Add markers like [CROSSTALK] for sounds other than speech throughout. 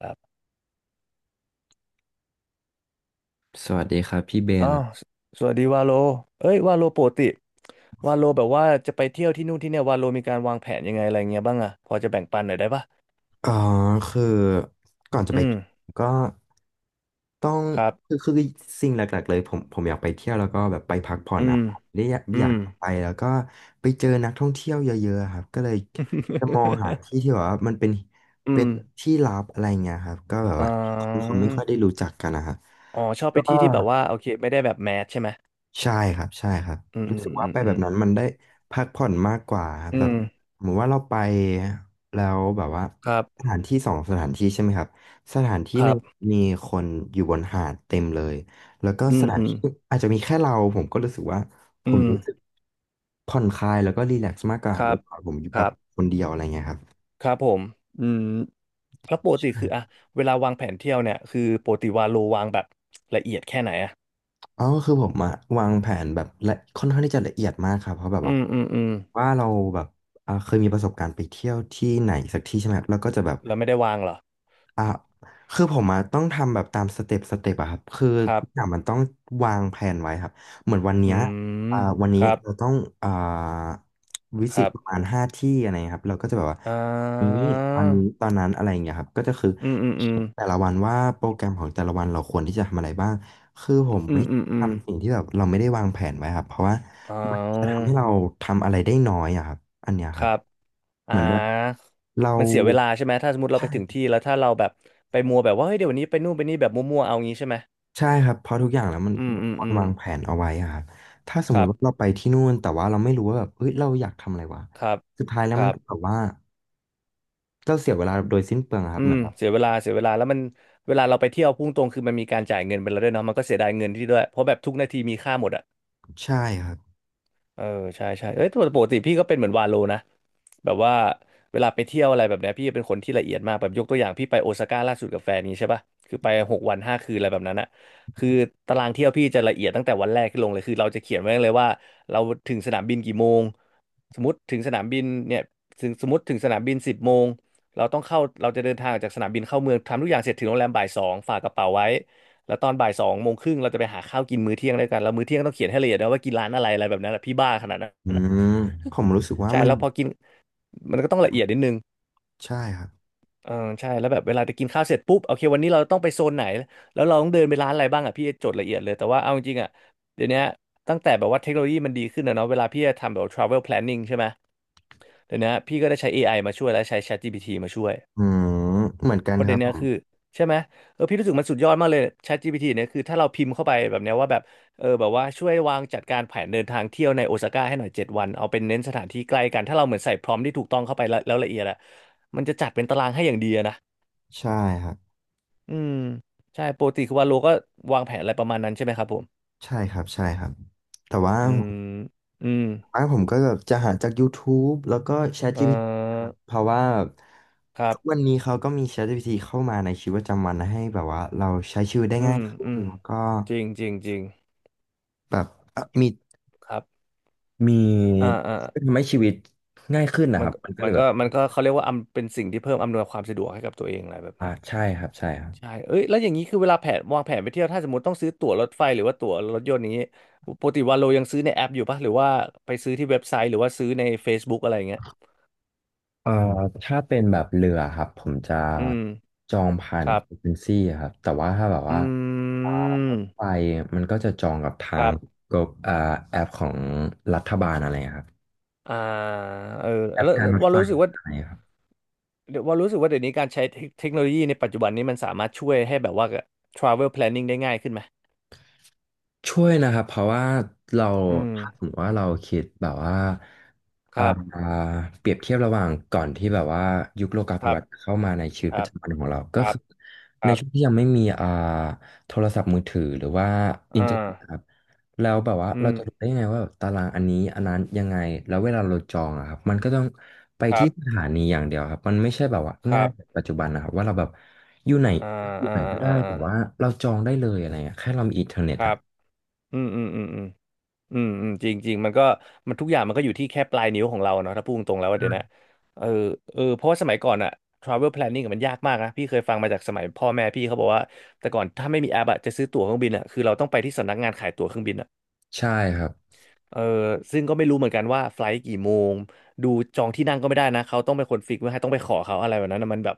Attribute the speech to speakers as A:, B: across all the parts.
A: ครับ
B: สวัสดีครับพี่เบ
A: อ๋อ
B: น
A: สสวัสดีวาโลเอ้ยวาโลปกติวาโลแบบว่าจะไปเที่ยวที่นู่นที่เนี่ยวาโลมีการวางแผนยังไงอะไรเงี้ยบ้างอะพอจะแบ่งปันหน่อยได้ปะ
B: อ๋อคือก่อนจะ
A: อื
B: ไป
A: ม
B: ก็ต้อง
A: ครับ
B: คือสิ่งหลักๆเลยผมอยากไปเที่ยวแล้วก็แบบไปพักผ่อน
A: อื
B: นะ
A: ม
B: ครับได้อยาก
A: อื
B: อยา
A: ม
B: กไปแล้วก็ไปเจอนักท่องเที่ยวเยอะๆครับก็เลยจะมองหาที่
A: [LAUGHS]
B: ที่แบบว่ามันเป็น
A: อื
B: เป็
A: ม
B: นที่ลับอะไรเงี้ยครับก็แบบ
A: อ๋อ
B: ว่าคนเขาไม่ค่อยได้รู้จักกันนะครับ
A: อ๋อชอบไป
B: ก็
A: ที่ที่แบบว่าโอเคไม่ได้แบบแมสใช่ไหม
B: ใช่ครับใช่ครับ
A: อืม
B: รู้
A: อื
B: สึก
A: ม
B: ว่า
A: อืม
B: ไป
A: อื
B: แบบ
A: ม
B: นั้นมันได้พักผ่อนมากกว่าครับ
A: อื
B: แบบ
A: ม
B: เหมือนว่าเราไปแล้วแบบว่า
A: ครับ
B: สถานที่สองสถานที่ใช่ไหมครับสถานที่
A: ค
B: ห
A: รั
B: นึ่ง
A: บ
B: มีคนอยู่บนหาดเต็มเลยแล้วก็
A: อื
B: ส
A: ม
B: ถาน
A: อืม
B: ที่อาจจะมีแค่เราผมก็รู้สึกว่าผ
A: อื
B: ม
A: ม
B: รู้สึกผ่อนคลายแล้วก็รีแลกซ์มากกว่า
A: ค
B: เว
A: รับ
B: ลาผมอยู่
A: ค
B: แบบ
A: รับ
B: คนเดียวอะไรเงี้ยครับ
A: ครับผมอืมแล้วปกติคืออะเวลาวางแผนเที่ยวเนี่ยคือปกติวาโลวางแบบละเอียดแค่ไหนอะ
B: อ๋อคือผมอะวางแผนแบบละค่อนข้างที่จะละเอียดมากครับเพราะแบบ
A: อื
B: ว่า
A: มอืมอืม
B: ว่าเราแบบเคยมีประสบการณ์ไปเที่ยวที่ไหนสักที่ใช่ไหมครับเราก็จะแบบ
A: แล้วไม่ได้วางเหรอ
B: อ่ะคือผมอะต้องทำแบบตามสเต็ปอะครับคือ
A: ครั
B: ทุกอย่าง
A: บ
B: มันต้องวางแผนไว้ครับเหมือนวันเนี้
A: อื
B: ย
A: ม
B: วัน
A: ค
B: นี้
A: รับ
B: เราต้องอ่าวิ
A: ค
B: สิต
A: รับ
B: ประมาณห้าที่อะไรเงี้ยครับเราก็จะแบบว่า
A: อ่
B: นี้
A: า
B: ตอนนี้ตอนนั้นอะไรอย่างเงี้ยครับก็จะคือ
A: อืมอืมอื
B: เขี
A: ม
B: ยนแต่ละวันว่าโปรแกรมของแต่ละวันเราควรที่จะทำอะไรบ้างคือผม
A: อื
B: ไม่
A: มอืมอืม
B: ทำสิ่งที่แบบเราไม่ได้วางแผนไว้ครับเพราะว่า
A: อ๋อ
B: มันจะทำให้เราทำอะไรได้น้อยอะครับอันเนี้ย
A: ค
B: ครับ
A: รับอ่
B: เหมือนแบบ
A: า
B: เรา
A: มันเสียเวลาใช่ไหมถ้าสมมติเราไปถึง
B: ใช่
A: ที่แล้วถ้าเราแบบไปมัวแบบว่าเฮ้ยเดี๋ยววันนี้ไปนู่นไปนี่แบบมัวๆเอางี้ใช่ไหม
B: ใช่ครับเพราะทุกอย่างแล้วมัน
A: อืมอื
B: ค
A: ม
B: วร
A: อืม
B: วางแผนเอาไว้อะครับถ้าสม
A: ค
B: มุ
A: รับ
B: ติว่าเราไปที่นู่นแต่ว่าเราไม่รู้ว่าแบบเฮ้ยเราอยากทำอะไรวะ
A: ครับ
B: สุดท้ายแล้ว
A: ค
B: มัน
A: รับ
B: ก็แบบว่าเราเสียเวลาโดยสิ้นเปลืองอะครั
A: อื
B: บเหมื
A: ม
B: อนแบบ
A: เสียเวลาเสียเวลาแล้วมันเวลาเราไปเที่ยวพุ่งตรงคือมันมีการจ่ายเงินไปแล้วด้วยเนาะมันก็เสียดายเงินที่ด้วยเพราะแบบทุกนาทีมีค่าหมดอะ
B: ใช่ครับ
A: เออใช่ใช่เอ้ยปกติพี่ก็เป็นเหมือนวาโลนะแบบว่าเวลาไปเที่ยวอะไรแบบเนี้ยพี่เป็นคนที่ละเอียดมากแบบยกตัวอย่างพี่ไปโอซาก้าล่าสุดกับแฟนนี้ใช่ป่ะคือไป6 วัน 5 คืนอะไรแบบนั้นอะคือตารางเที่ยวพี่จะละเอียดตั้งแต่วันแรกที่ลงเลยคือเราจะเขียนไว้เลยว่าเราถึงสนามบินกี่โมงสมมติถึงสนามบินเนี่ยถึงสมมติถึงสนามบิน10 โมงเราต้องเข้าเราจะเดินทางออกจากสนามบินเข้าเมืองทำทุกอย่างเสร็จถึงโรงแรมบ่ายสองฝากกระเป๋าไว้ แล้วตอนบ่าย 2 โมงครึ่งเราจะไปหาข้าวกินมื้อเที่ยงด้วยกันแล้วมื้อเที่ยงต้องเขียนให้ละเอียดนะว่ากินร้านอะไรอะไรแบบนั้นแหละพี่บ้าขนาดนั้
B: อื
A: น [LAUGHS] อะ
B: มผมรู้สึกว่า
A: ใช่
B: มัน
A: แล้วพอกินมันก็ต้องละเอียดนิดนึง
B: ใช่ครับ
A: เออใช่แล้วแบบเวลาจะกินข้าวเสร็จปุ๊บโอเควันนี้เราต้องไปโซนไหนแล้วเราต้องเดินไปร้านอะไรบ้างอ่ะพี่จดละเอียดเลยแต่ว่าเอาจริงๆอ่ะเดี๋ยวนี้ตั้งแต่แบบว่าเทคโนโลยีมันดีขึ้นนะเนาะเวลาพี่จะทำแบบ travel planning ใช่ไหมเดี๋ยวนี้พี่ก็ได้ใช้เอไอมาช่วยและใช้ ChatGPT มาช่วย
B: อืมเหมือนกั
A: เพ
B: น
A: ราะ
B: ค
A: เดี๋
B: รั
A: ย
B: บ
A: ว
B: ผ
A: นี้
B: ม
A: คือใช่ไหมเออพี่รู้สึกมันสุดยอดมากเลย ChatGPT เนี่ยคือถ้าเราพิมพ์เข้าไปแบบเนี้ยว่าแบบเออแบบว่าช่วยวางจัดการแผนเดินทางเที่ยวในโอซาก้าให้หน่อย7 วันเอาเป็นเน้นสถานที่ใกล้กันถ้าเราเหมือนใส่พรอมที่ถูกต้องเข้าไปแล้วแล้วละเอียดอะมันจะจัดเป็นตารางให้อย่างดีอะนะ
B: ใช่ครับ
A: อืมใช่ปกติคือว่าโลก็วางแผนอะไรประมาณนั้นใช่ไหมครับผม
B: ใช่ครับใช่ครับแต่ว่า
A: อืมอืม
B: ผมก็แบบจะหาจาก YouTube แล้วก็
A: เอ่
B: ChatGPT นะค
A: อ
B: รับเพราะว่า
A: ครั
B: ทุ
A: บ
B: กวันนี้เขาก็มี ChatGPT เข้ามาในชีวิตประจำวันให้แบบว่าเราใช้ชีวิตได้
A: อื
B: ง่าย
A: ม
B: ขึ้
A: อื
B: น
A: ม
B: แล้วก็
A: จริงจริงจริง
B: แบบเอ่อมี
A: ครับ
B: มี
A: อ่าอ่า
B: ทำให้ชีวิตง่ายขึ้นนะค
A: มัน
B: รับมันก็เลยแบบ
A: มันก็เขาเรียกว่าเป็นสิ่งที่เพิ่มอำนวยความสะดวกให้กับตัวเองอะไรแบบนั้น
B: ใช่ครับใช่ครับ
A: ใช่เอ้ยแล้วอย่างนี้คือเวลาแผนวางแผนไปเที่ยวถ้าสมมติต้องซื้อตั๋วรถไฟหรือว่าตั๋วรถยนต์นี้ปกติวันโลยังซื้อในแอปอยู่ปะหรือว่าไปซื้อที่เว็บไซต์หรือว่าซื้อใน Facebook อะไรอย่างเงี้ย
B: เอ่อถ้าเป็นแบบเรือครับผมจะ
A: อืม
B: จองผ่าน
A: ครับ
B: เอเจนซี่ครับแต่ว่าถ้าแบบ
A: อื
B: ว่าอ่ารถ
A: ม
B: ไฟมันก็จะจองกับทา
A: ค
B: ง
A: รับ
B: กบอ่าแอปของรัฐบาลอะไรครับ
A: อ่าเออ
B: แอป
A: แล้ว
B: การ
A: แล้ว
B: ลด
A: ว่า
B: ไฟ
A: รู้สึกว่า
B: อะไรครับ
A: เดี๋ยวว่ารู้สึกว่าเดี๋ยวนี้การใช้เทคโนโลยีในปัจจุบันนี้มันสามารถช่วยให้แบบว่า travel planning ได้ง่ายขึ้นไหม
B: ช่วยนะครับเพราะว่าเรา
A: อื
B: ถ้าสม
A: ม
B: มติว่าเราคิดแบบว่า
A: ค
B: อ่า
A: รับ
B: เปรียบเทียบระหว่างก่อนที่แบบว่ายุคโลกา
A: ค
B: ภิ
A: รั
B: วั
A: บ
B: ตน์เข้ามาในชีวิต
A: ค
B: ป
A: รั
B: ระ
A: บ
B: จำวันของเรา
A: ค
B: ก็
A: รับ
B: คือ
A: ค
B: ใน
A: รั
B: ช่วง
A: บ
B: ที่ยังไม่มีโทรศัพท์มือถือหรือว่าอิน
A: อ่
B: เทอร์
A: า
B: เน็ตครับแล้วแบบว่า
A: อื
B: เราจะรู้
A: ม
B: ได้ยังไงว่าแบบตารางอันนี้อันนั้นยังไงแล้วเวลาเราจองอะครับมันก็ต้องไป
A: ครั
B: ที่ส
A: บ
B: ถานีอย่างเดียวครับมันไม่ใช่แบบว่า
A: ค
B: ง่า
A: รั
B: ย
A: บ
B: แบบปัจจุบันนะครับว่าเราแบบอยู่ไหน
A: อ่า
B: อยู่
A: อ่า
B: ไหนก็ได้
A: อ่าอ่า
B: แต่ว่าเราจองได้เลยอะไรเงี้ยแค่เรามีอินเทอร์เน็
A: ค
B: ต
A: รั
B: อะ
A: บ อืมอืมอืมอืมอืมอืมจริงจริงมันก็มันทุกอย่างมันก็อยู่ที่แค่ปลายนิ้วของเราเนาะถ้าพูดตรงๆแล้วว่าเดี๋ยวนะเออเออเพราะว่าสมัยก่อนอะ travel planning อะมันยากมากนะพี่เคยฟังมาจากสมัยพ่อแม่พี่เขาบอกว่าแต่ก่อนถ้าไม่มีแอปอะจะซื้อตั๋วเครื่องบินอะคือเราต้องไปที่สำนักงานขายตั๋วเครื่องบินอะ
B: ใช่ครับ
A: เออซึ่งก็ไม่รู้เหมือนกันว่าไฟล์กี่โมงดูจองที่นั่งก็ไม่ได้นะเขาต้องเป็นคนฟิกไว้ให้ต้องไปขอเขาอะไรแบบนั้นนะมันแบบ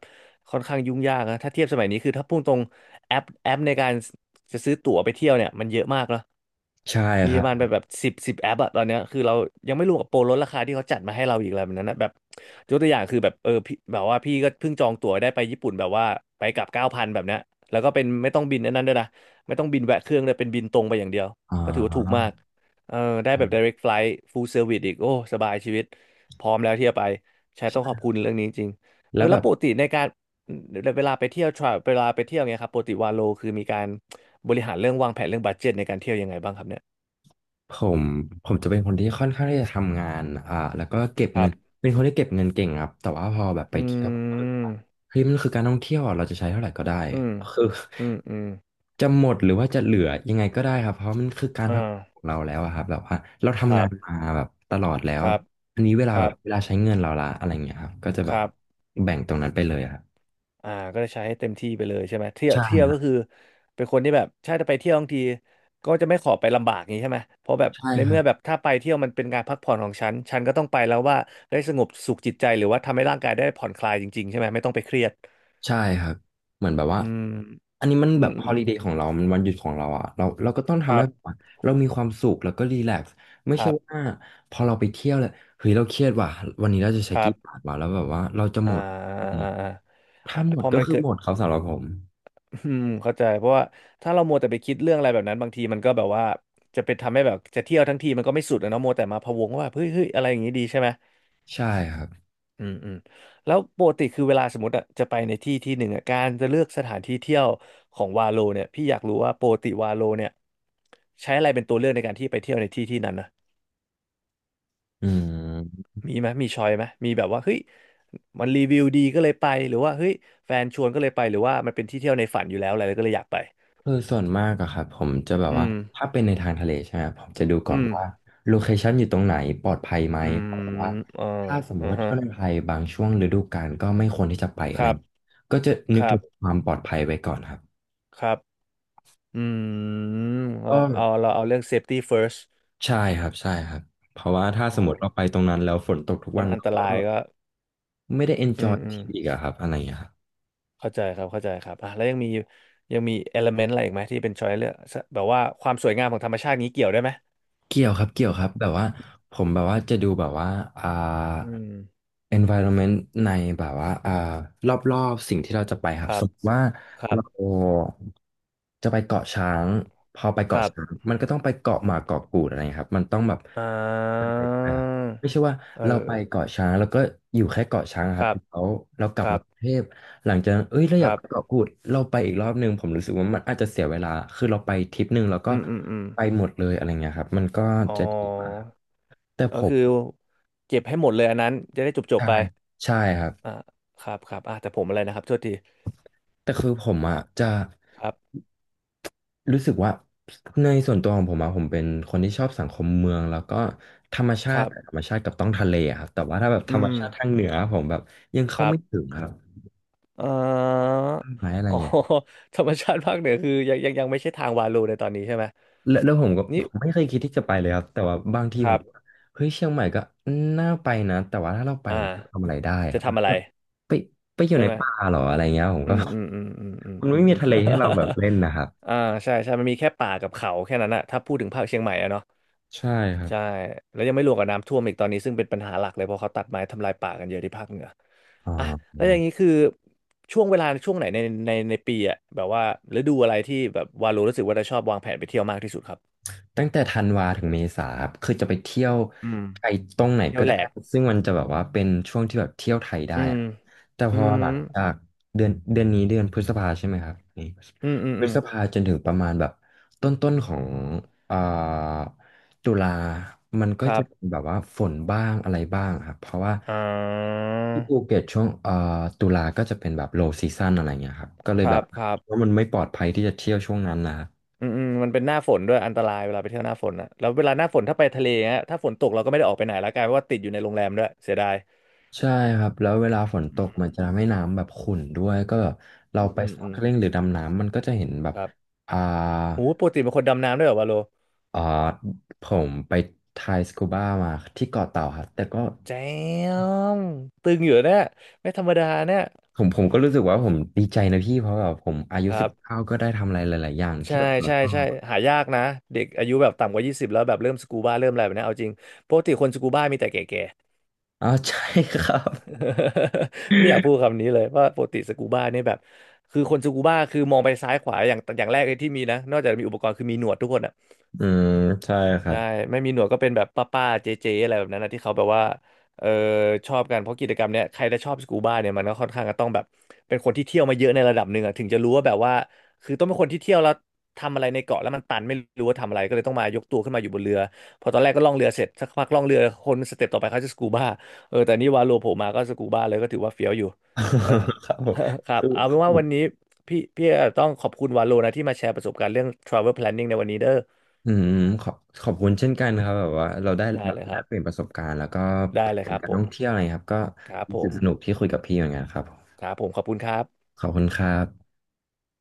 A: ค่อนข้างยุ่งยากนะถ้าเทียบสมัยนี้คือถ้าพูดตรงแอปในการจะซื้อตั๋วไปเที่ยวเนี่ยมันเยอะมากแล้ว
B: ใช่
A: มี
B: ค
A: ป
B: รั
A: ระมาณแบ
B: บ
A: บแบบสิบแอปอะตอนเนี้ยคือเรายังไม่รวมกับโปรลดราคาที่เขาจัดมาให้เราอีกอะไรแบบนั้นนะแบบยกตัวอย่างคือแบบพี่แบบว่าพี่ก็เพิ่งจองตั๋วได้ไปญี่ปุ่นแบบว่าไปกลับเก้าพันแบบเนี้ยแล้วก็เป็นไม่ต้องบินอันนั้นด้วยนะไม่ต้องบินแวะเครื่องเลยเป็นบินตรงไปอย่างเดียว
B: อ๋
A: ก็ถือว่าถูกมา
B: อ
A: กเออได้แบบ direct flight full service อีกโอ้สบายชีวิตพร้อมแล้วที่จะไปใช่ต้องขอ
B: ใช่
A: บคุณเรื่องนี้จริงๆ
B: แล้วแบ
A: แล้ว
B: บ
A: ปกติในการเวลาไปเที่ยวทราเวลาไปเที่ยวเงี้ยครับปกติวาโลคือมีการบริหารเรื่องวางแผนเรื่องบัดเจ็ตในการเที่ยวยังไงบ้างครับเนี่ย
B: ผมผมจะเป็นคนที่ค่อนข้างที่จะทำงานแล้วก็เก็บ
A: ค
B: เงิ
A: รั
B: น
A: บ
B: เป็นคนที่เก็บเงินเก่งครับแต่ว่าพอแบบไป
A: อื
B: เที่ยวผมก็คือว่า
A: ม
B: เฮ้ยมันคือการท่องเที่ยวอะเราจะใช้เท่าไหร่ก็ได้
A: อืม
B: คือ
A: อืมอืม
B: [LAUGHS] จะหมดหรือว่าจะเหลือยังไงก็ได้ครับเพราะมันคือการ
A: อ่
B: พักผ่อนข
A: า
B: องเราแล้วอะครับแบบว่าเรา
A: ค
B: ทำ
A: รั
B: งาน
A: บ
B: มาแบบตลอดแล้
A: ค
B: ว
A: รับ
B: อันนี้เว
A: ค
B: ลาแบ
A: รั
B: บ
A: บ
B: เวลาใช้เงินเราละอะไรอย่างเงี้ยครับก็จะ
A: ค
B: แบบ
A: รับ
B: แบ่งตรงนั้นไปเลยอะครับ
A: อ่าก็จะใช้ให้เต็มที่ไปเลยใช่ไหมเที่ยว
B: ใช่
A: เที่ยว
B: ครั
A: ก็
B: บ
A: คือเป็นคนที่แบบ ใช่ถ้าไปเที่ยวบางทีก็จะไม่ขอไปลำบากอย่างนี้ใช่ไหมเพราะแบบ
B: ใช่
A: ใน
B: ครั
A: เมื่อ
B: บ
A: แบบถ้าไปเที่ยวมันเป็นการพักผ่อนของฉันฉันก็ต้องไปแล้วว่าได้สงบสุขจิตใจหรือว่าทำให้ร่างกายได้ผ่อนคลายจริงๆใช่ไหมไม่ต้องไปเครียด
B: ใช่ครับเหมือนแบบว่า
A: อืม
B: อันนี้มัน
A: อื
B: แบ
A: ม
B: บ
A: อื
B: ฮอ
A: ม
B: ลิเดย์ของเรามันวันหยุดของเราอะเราเราก็ต้อง
A: ค
B: ทำ
A: รั
B: ให้แบบ
A: บ
B: ว่าเรามีความสุขแล้วก็รีแลกซ์ไม่
A: ค
B: ใช่
A: รับ
B: ว่าพอเราไปเที่ยวแล้วเฮ้ยเราเครียดว่ะวันนี้เราจะใช้
A: ครั
B: กี่บาท
A: บ
B: วะแล้วแบบว่าเราจะห
A: อ่า
B: มดอะไรอย่าง
A: อ่าอ่า
B: เงี้ย
A: อ่า
B: ถ้าหม
A: พ
B: ด
A: อ
B: ก็
A: มัน
B: คือ
A: เกิด
B: หมดเขาสำหรับผม
A: อืมเข้าใจเพราะว่าถ้าเรามัวแต่ไปคิดเรื่องอะไรแบบนั้นบางทีมันก็แบบว่าจะไปทำให้แบบจะเที่ยวทั้งทีมันก็ไม่สุดนะเนาะมัวแต่มาพะวงว่าเฮ้ยเฮ้ยอะไรอย่างนี้ดีใช่ไหม
B: ใช่ครับ
A: อืมอืมแล้วปกติคือเวลาสมมติอะจะไปในที่ที่หนึ่งอะการจะเลือกสถานที่เที่ยวของวาโลเนี่ยพี่อยากรู้ว่าปกติวาโลเนี่ยใช้อะไรเป็นตัวเลือกในการที่ไปเที่ยวในที่ที่นั้นนะ
B: อืม
A: มีไหมมีชอยไหมมีแบบว่าเฮ้ยมันรีวิวดีก็เลยไปหรือว่าเฮ้ยแฟนชวนก็เลยไปหรือว่ามันเป็นที่เที่ยวในฝันอยู่แล้วอะไรก็เลยอยากไป
B: คือส่วนมากอะครับผมจะแบบ
A: อื
B: ว่า
A: ม
B: ถ้าเป็นในทางทะเลใช่ไหมครับผมจะดูก่
A: อื
B: อน
A: ม
B: ว่าโลเคชันอยู่ตรงไหนปลอดภัยไหม
A: อื
B: เพราะแบบว่า
A: มอ๋อ
B: ถ้าสมม
A: อ่า
B: ติว่า
A: ฮะ
B: เที่ยวในไทยบางช่วงฤดูกาลก็ไม่ควรที่จะไปอะ
A: ค
B: ไร
A: รับ
B: ก็จะนึ
A: ค
B: ก
A: รั
B: ถึ
A: บ
B: งความปลอดภัยไว้ก่อนครับ
A: ครับอืมเรา
B: ก็
A: เอาเราเอาเรื่อง safety first
B: ใช่ครับใช่ครับเพราะว่าถ้า
A: อ๋
B: ส
A: อ
B: มมติเราไปตรงนั้นแล้วฝนตกทุก
A: แล้ว
B: วัน
A: มันอันต
B: ก็
A: รายก็
B: ไม่ได้
A: อื
B: enjoy
A: มอืม
B: ที่อีกอะครับอะไรอย่างเงี้ยครับ
A: เข้าใจครับเข้าใจครับอ่ะแล้วยังมียังมี element อะไรอีกไหมที่เป็น choice เลือกแบบว่าความสวยงามของธรรมชาตินี้เกี่ยวได้ไหม
B: เกี่ยวครับเกี่ยวครับแบบว่าผมแบบว่าจะดูแบบว่าอ่า
A: อืม
B: environment ในแบบว่ารอบๆสิ่งที่เราจะไปค
A: ค
B: รับ
A: รั
B: ส
A: บ
B: มมติว่า
A: ครับ
B: เราจะไปเกาะช้างพอไป
A: ค
B: เกาะ
A: รับ
B: ช้างมันก็ต้องไปเกาะหมาเกาะกูดอะไรเงี้ยครับมันต้องแบบ
A: อ่
B: มัน
A: า
B: เป็นไปอ่ะไม่ใช่ว่าเราไป
A: อ
B: เกาะช้างแล้วก็อยู่แค่เกาะช้างอะค
A: ค
B: รับ
A: รับ
B: แล้วเรากลั
A: ค
B: บ
A: รั
B: มากรุง
A: บ
B: เทพหลังจากนั้นเอ้ยเรา
A: ค
B: อยาก
A: รับ
B: ไปเกาะกูดเราไปอีกรอบหนึ่งผมรู้สึกว่ามันอาจจะเสียเวลาคือเราไปทริปหนึ่งแล้วก็
A: อืมอืมอืม
B: ไปหมดเลยอะไรเงี้ยครับมันก็
A: อ๋อ
B: จะดีกว่าแต่ผ
A: ก็
B: ม
A: คือเก็บให้หมดเลยอันนั้นจะได้จบจบ
B: ใช่
A: ไป
B: ใช่ครับ
A: อ่าครับครับอ่าแต่ผมอะไรนะครับโทษที
B: แต่คือผมอ่ะจะ
A: ครับ
B: รู้สึกว่าในส่วนตัวของผมอ่ะผมเป็นคนที่ชอบสังคมเมืองแล้วก็ธรรมชา
A: ครั
B: ติแต่ธร
A: บ
B: รมชาติกับต้องทะเลอะครับแต่ว่าถ้าแบบธ
A: อื
B: รรม
A: ม
B: ชาติทางเหนือผมแบบยัง
A: ค
B: เข้า
A: รับ
B: ไม่ถึงครับ
A: เอ่อ
B: ต้นไม้อะไร
A: [LAUGHS] อ๋อ
B: เงี้ย
A: [LAUGHS] ธรรมชาติภาคเหนือคือยังไม่ใช่ทางวาลูในตอนนี้ใช่ไหม
B: แล้วผมก็
A: นี่
B: ผมไม่เคยคิดที่จะไปเลยครับแต่ว่าบางที
A: ค
B: ผ
A: รั
B: ม
A: บ
B: ก็เฮ้ยเชียงใหม่ก็น่าไปนะแต่ว่าถ้าเราไป
A: อ่า
B: แล้วเราทำอะไรได้ค
A: จะ
B: รับ
A: ทำอะไร
B: แบบไปไปอยู่
A: ใช่
B: ใน
A: ไหม
B: ป่าเหรออะไรเงี้ยผม
A: อื
B: ก็
A: มอืมอืมอืมอืม
B: [LAUGHS] มัน
A: อื
B: ไม่
A: ม
B: มีทะเลให้เรา
A: [LAUGHS]
B: แบบเล่นนะครับ
A: อ่าใช่ใช่มันมีแค่ป่ากับเขาแค่นั้นอะถ้าพูดถึงภาคเชียงใหม่อะเนาะ
B: ใช่ครับ
A: ใช่แล้วยังไม่รวมกับน้ำท่วมอีกตอนนี้ซึ่งเป็นปัญหาหลักเลยเพราะเขาตัดไม้ทำลายป่ากันเยอะที่ภาคเหนือ
B: อ๋อ
A: อ่ะแล้วอย่างนี้คือช่วงเวลาช่วงไหนในในปีอ่ะแบบว่าฤดูอะไรที่แบบวาโลรู้สึกว่าจะชอบวางแผนไปเที่ยวมากที่สุดครับ
B: ตั้งแต่ธันวาถึงเมษาครับคือจะไปเที่ยว
A: อืม
B: ไทยตรงไหน
A: เที่ย
B: ก็
A: วแหล
B: ได้
A: ก
B: ซึ่งมันจะแบบว่าเป็นช่วงที่แบบเที่ยวไทยได้
A: อืม
B: อะแต่พ
A: อื
B: อหลั
A: ม
B: งจากเดือนนี้เดือนพฤษภาใช่ไหมครับนี่
A: อืมอืม
B: พฤ
A: อืม
B: ษภาจนถึงประมาณแบบต้นของอ่าตุลา มันก็
A: ครั
B: จะ
A: บ
B: เป็นแบบว่าฝนบ้างอะไรบ้างครับเพราะว่า
A: อ่า
B: ที่ภูเก็ตช่วงตุลาก็จะเป็นแบบ low season อะไรเงี้ยครับก็เล
A: ค
B: ยแบ
A: รั
B: บ
A: บครับ
B: ว่ามันไม่ปลอดภัยที่จะเที่ยวช่วงนั้นนะครับ
A: อืมอืมมันเป็นหน้าฝนด้วยอันตรายเวลาไปเที่ยวหน้าฝนนะแล้วเวลาหน้าฝนถ้าไปทะเลเงี้ยถ้าฝนตกเราก็ไม่ได้ออกไปไหนแล้วกลายเป็นว่าติดอยู่ในโรงแรมด้วยเสียดาย
B: ใช่ครับแล้วเวลาฝนตกมันจะทำให้น้ำแบบขุ่นด้วยก็แบบเรา
A: อืม
B: ไป
A: อืม
B: ส
A: อืม
B: norkeling หรือดำน้ำมันก็จะเห็นแบบ
A: ครับ
B: อ่า
A: โอ้ปกติเป็นคนดำน้ำด้วยเหรอวะโล
B: เอ่อผมไปไทยสกูบ้ามาที่เกาะเต่าครับแต่ก็
A: แจมตึงอยู่เนี่ยไม่ธรรมดาเนี่ย
B: ผมก็รู้สึกว่าผมดีใจนะพี่เพราะแบบผมอายุ
A: ค
B: สิ
A: รั
B: บ
A: บ
B: เก้าก็ได้ทำอะไรหลายๆอย่างที่
A: ใช่
B: แบบเรา
A: ใช่
B: ชอ
A: ใช่
B: บอะ
A: หายากนะเด็กอายุแบบต่ำกว่ายี่สิบแล้วแบบเริ่มสกูบ้าเริ่มอะไรแบบเนี้ยเอาจริงปกติคนสกูบ้ามีแต่แก่
B: อ๋อใช่ครับ
A: ๆ [LAUGHS] ไม่อยากพูดคำนี้เลยว่าปกติสกูบ้านี่แบบคือคนสกูบ้าคือมองไปซ้ายขวาอย่างแรกเลยที่มีนะนอกจากมีอุปกรณ์คือมีหนวดทุกคนอะ
B: อืมใช่ครั
A: ใช่
B: บ
A: ไม่มีหนวดก็เป็นแบบป้าๆเจ๊ๆอะไรแบบนั้นนะที่เขาแบบว่าเออชอบกันเพราะกิจกรรมเนี้ยใครจะชอบสกูบ้าเนี่ยมันก็ค่อนข้างจะต้องแบบเป็นคนที่เที่ยวมาเยอะในระดับหนึ่งอะถึงจะรู้ว่าแบบว่าคือต้องเป็นคนที่เที่ยวแล้วทำอะไรในเกาะแล้วมันตันไม่รู้ว่าทำอะไรก็เลยต้องมายกตัวขึ้นมาอยู่บนเรือพอตอนแรกก็ล่องเรือเสร็จสักพักล่องเรือคนสเต็ปต่อไปเขาจะสกูบ้าแต่นี่วาโลโผล่มาก็สกูบ้าเลยก็ถือว่าเฟี้ยวอยู่เออ
B: [LAUGHS] ครับผม
A: [LAUGHS] ครับ
B: คือ
A: เอาเป็
B: คือ
A: น
B: ผ
A: ว่า
B: ม
A: วันนี้พี่ต้องขอบคุณวาโลนะที่มาแชร์ประสบการณ์เรื่อง travel planning ในวันนี้เด้อ
B: อืมขอบขอบคุณเช่นกันครับแบบว่าเราได้
A: ได้
B: แบบ
A: เลยค
B: ได้
A: รับ
B: เปลี่ยนประสบการณ์แล้วก็
A: ได้
B: แผ
A: เลยค
B: น
A: รับ
B: การ
A: ผ
B: ท่
A: ม
B: องเที่ยวอะไรครับก็
A: ครับ
B: รู้
A: ผ
B: สึก
A: ม
B: สนุกที่คุยกับพี่เหมือนกันครับ
A: ครับผม ขอบคุณครับ
B: ขอบคุณครับ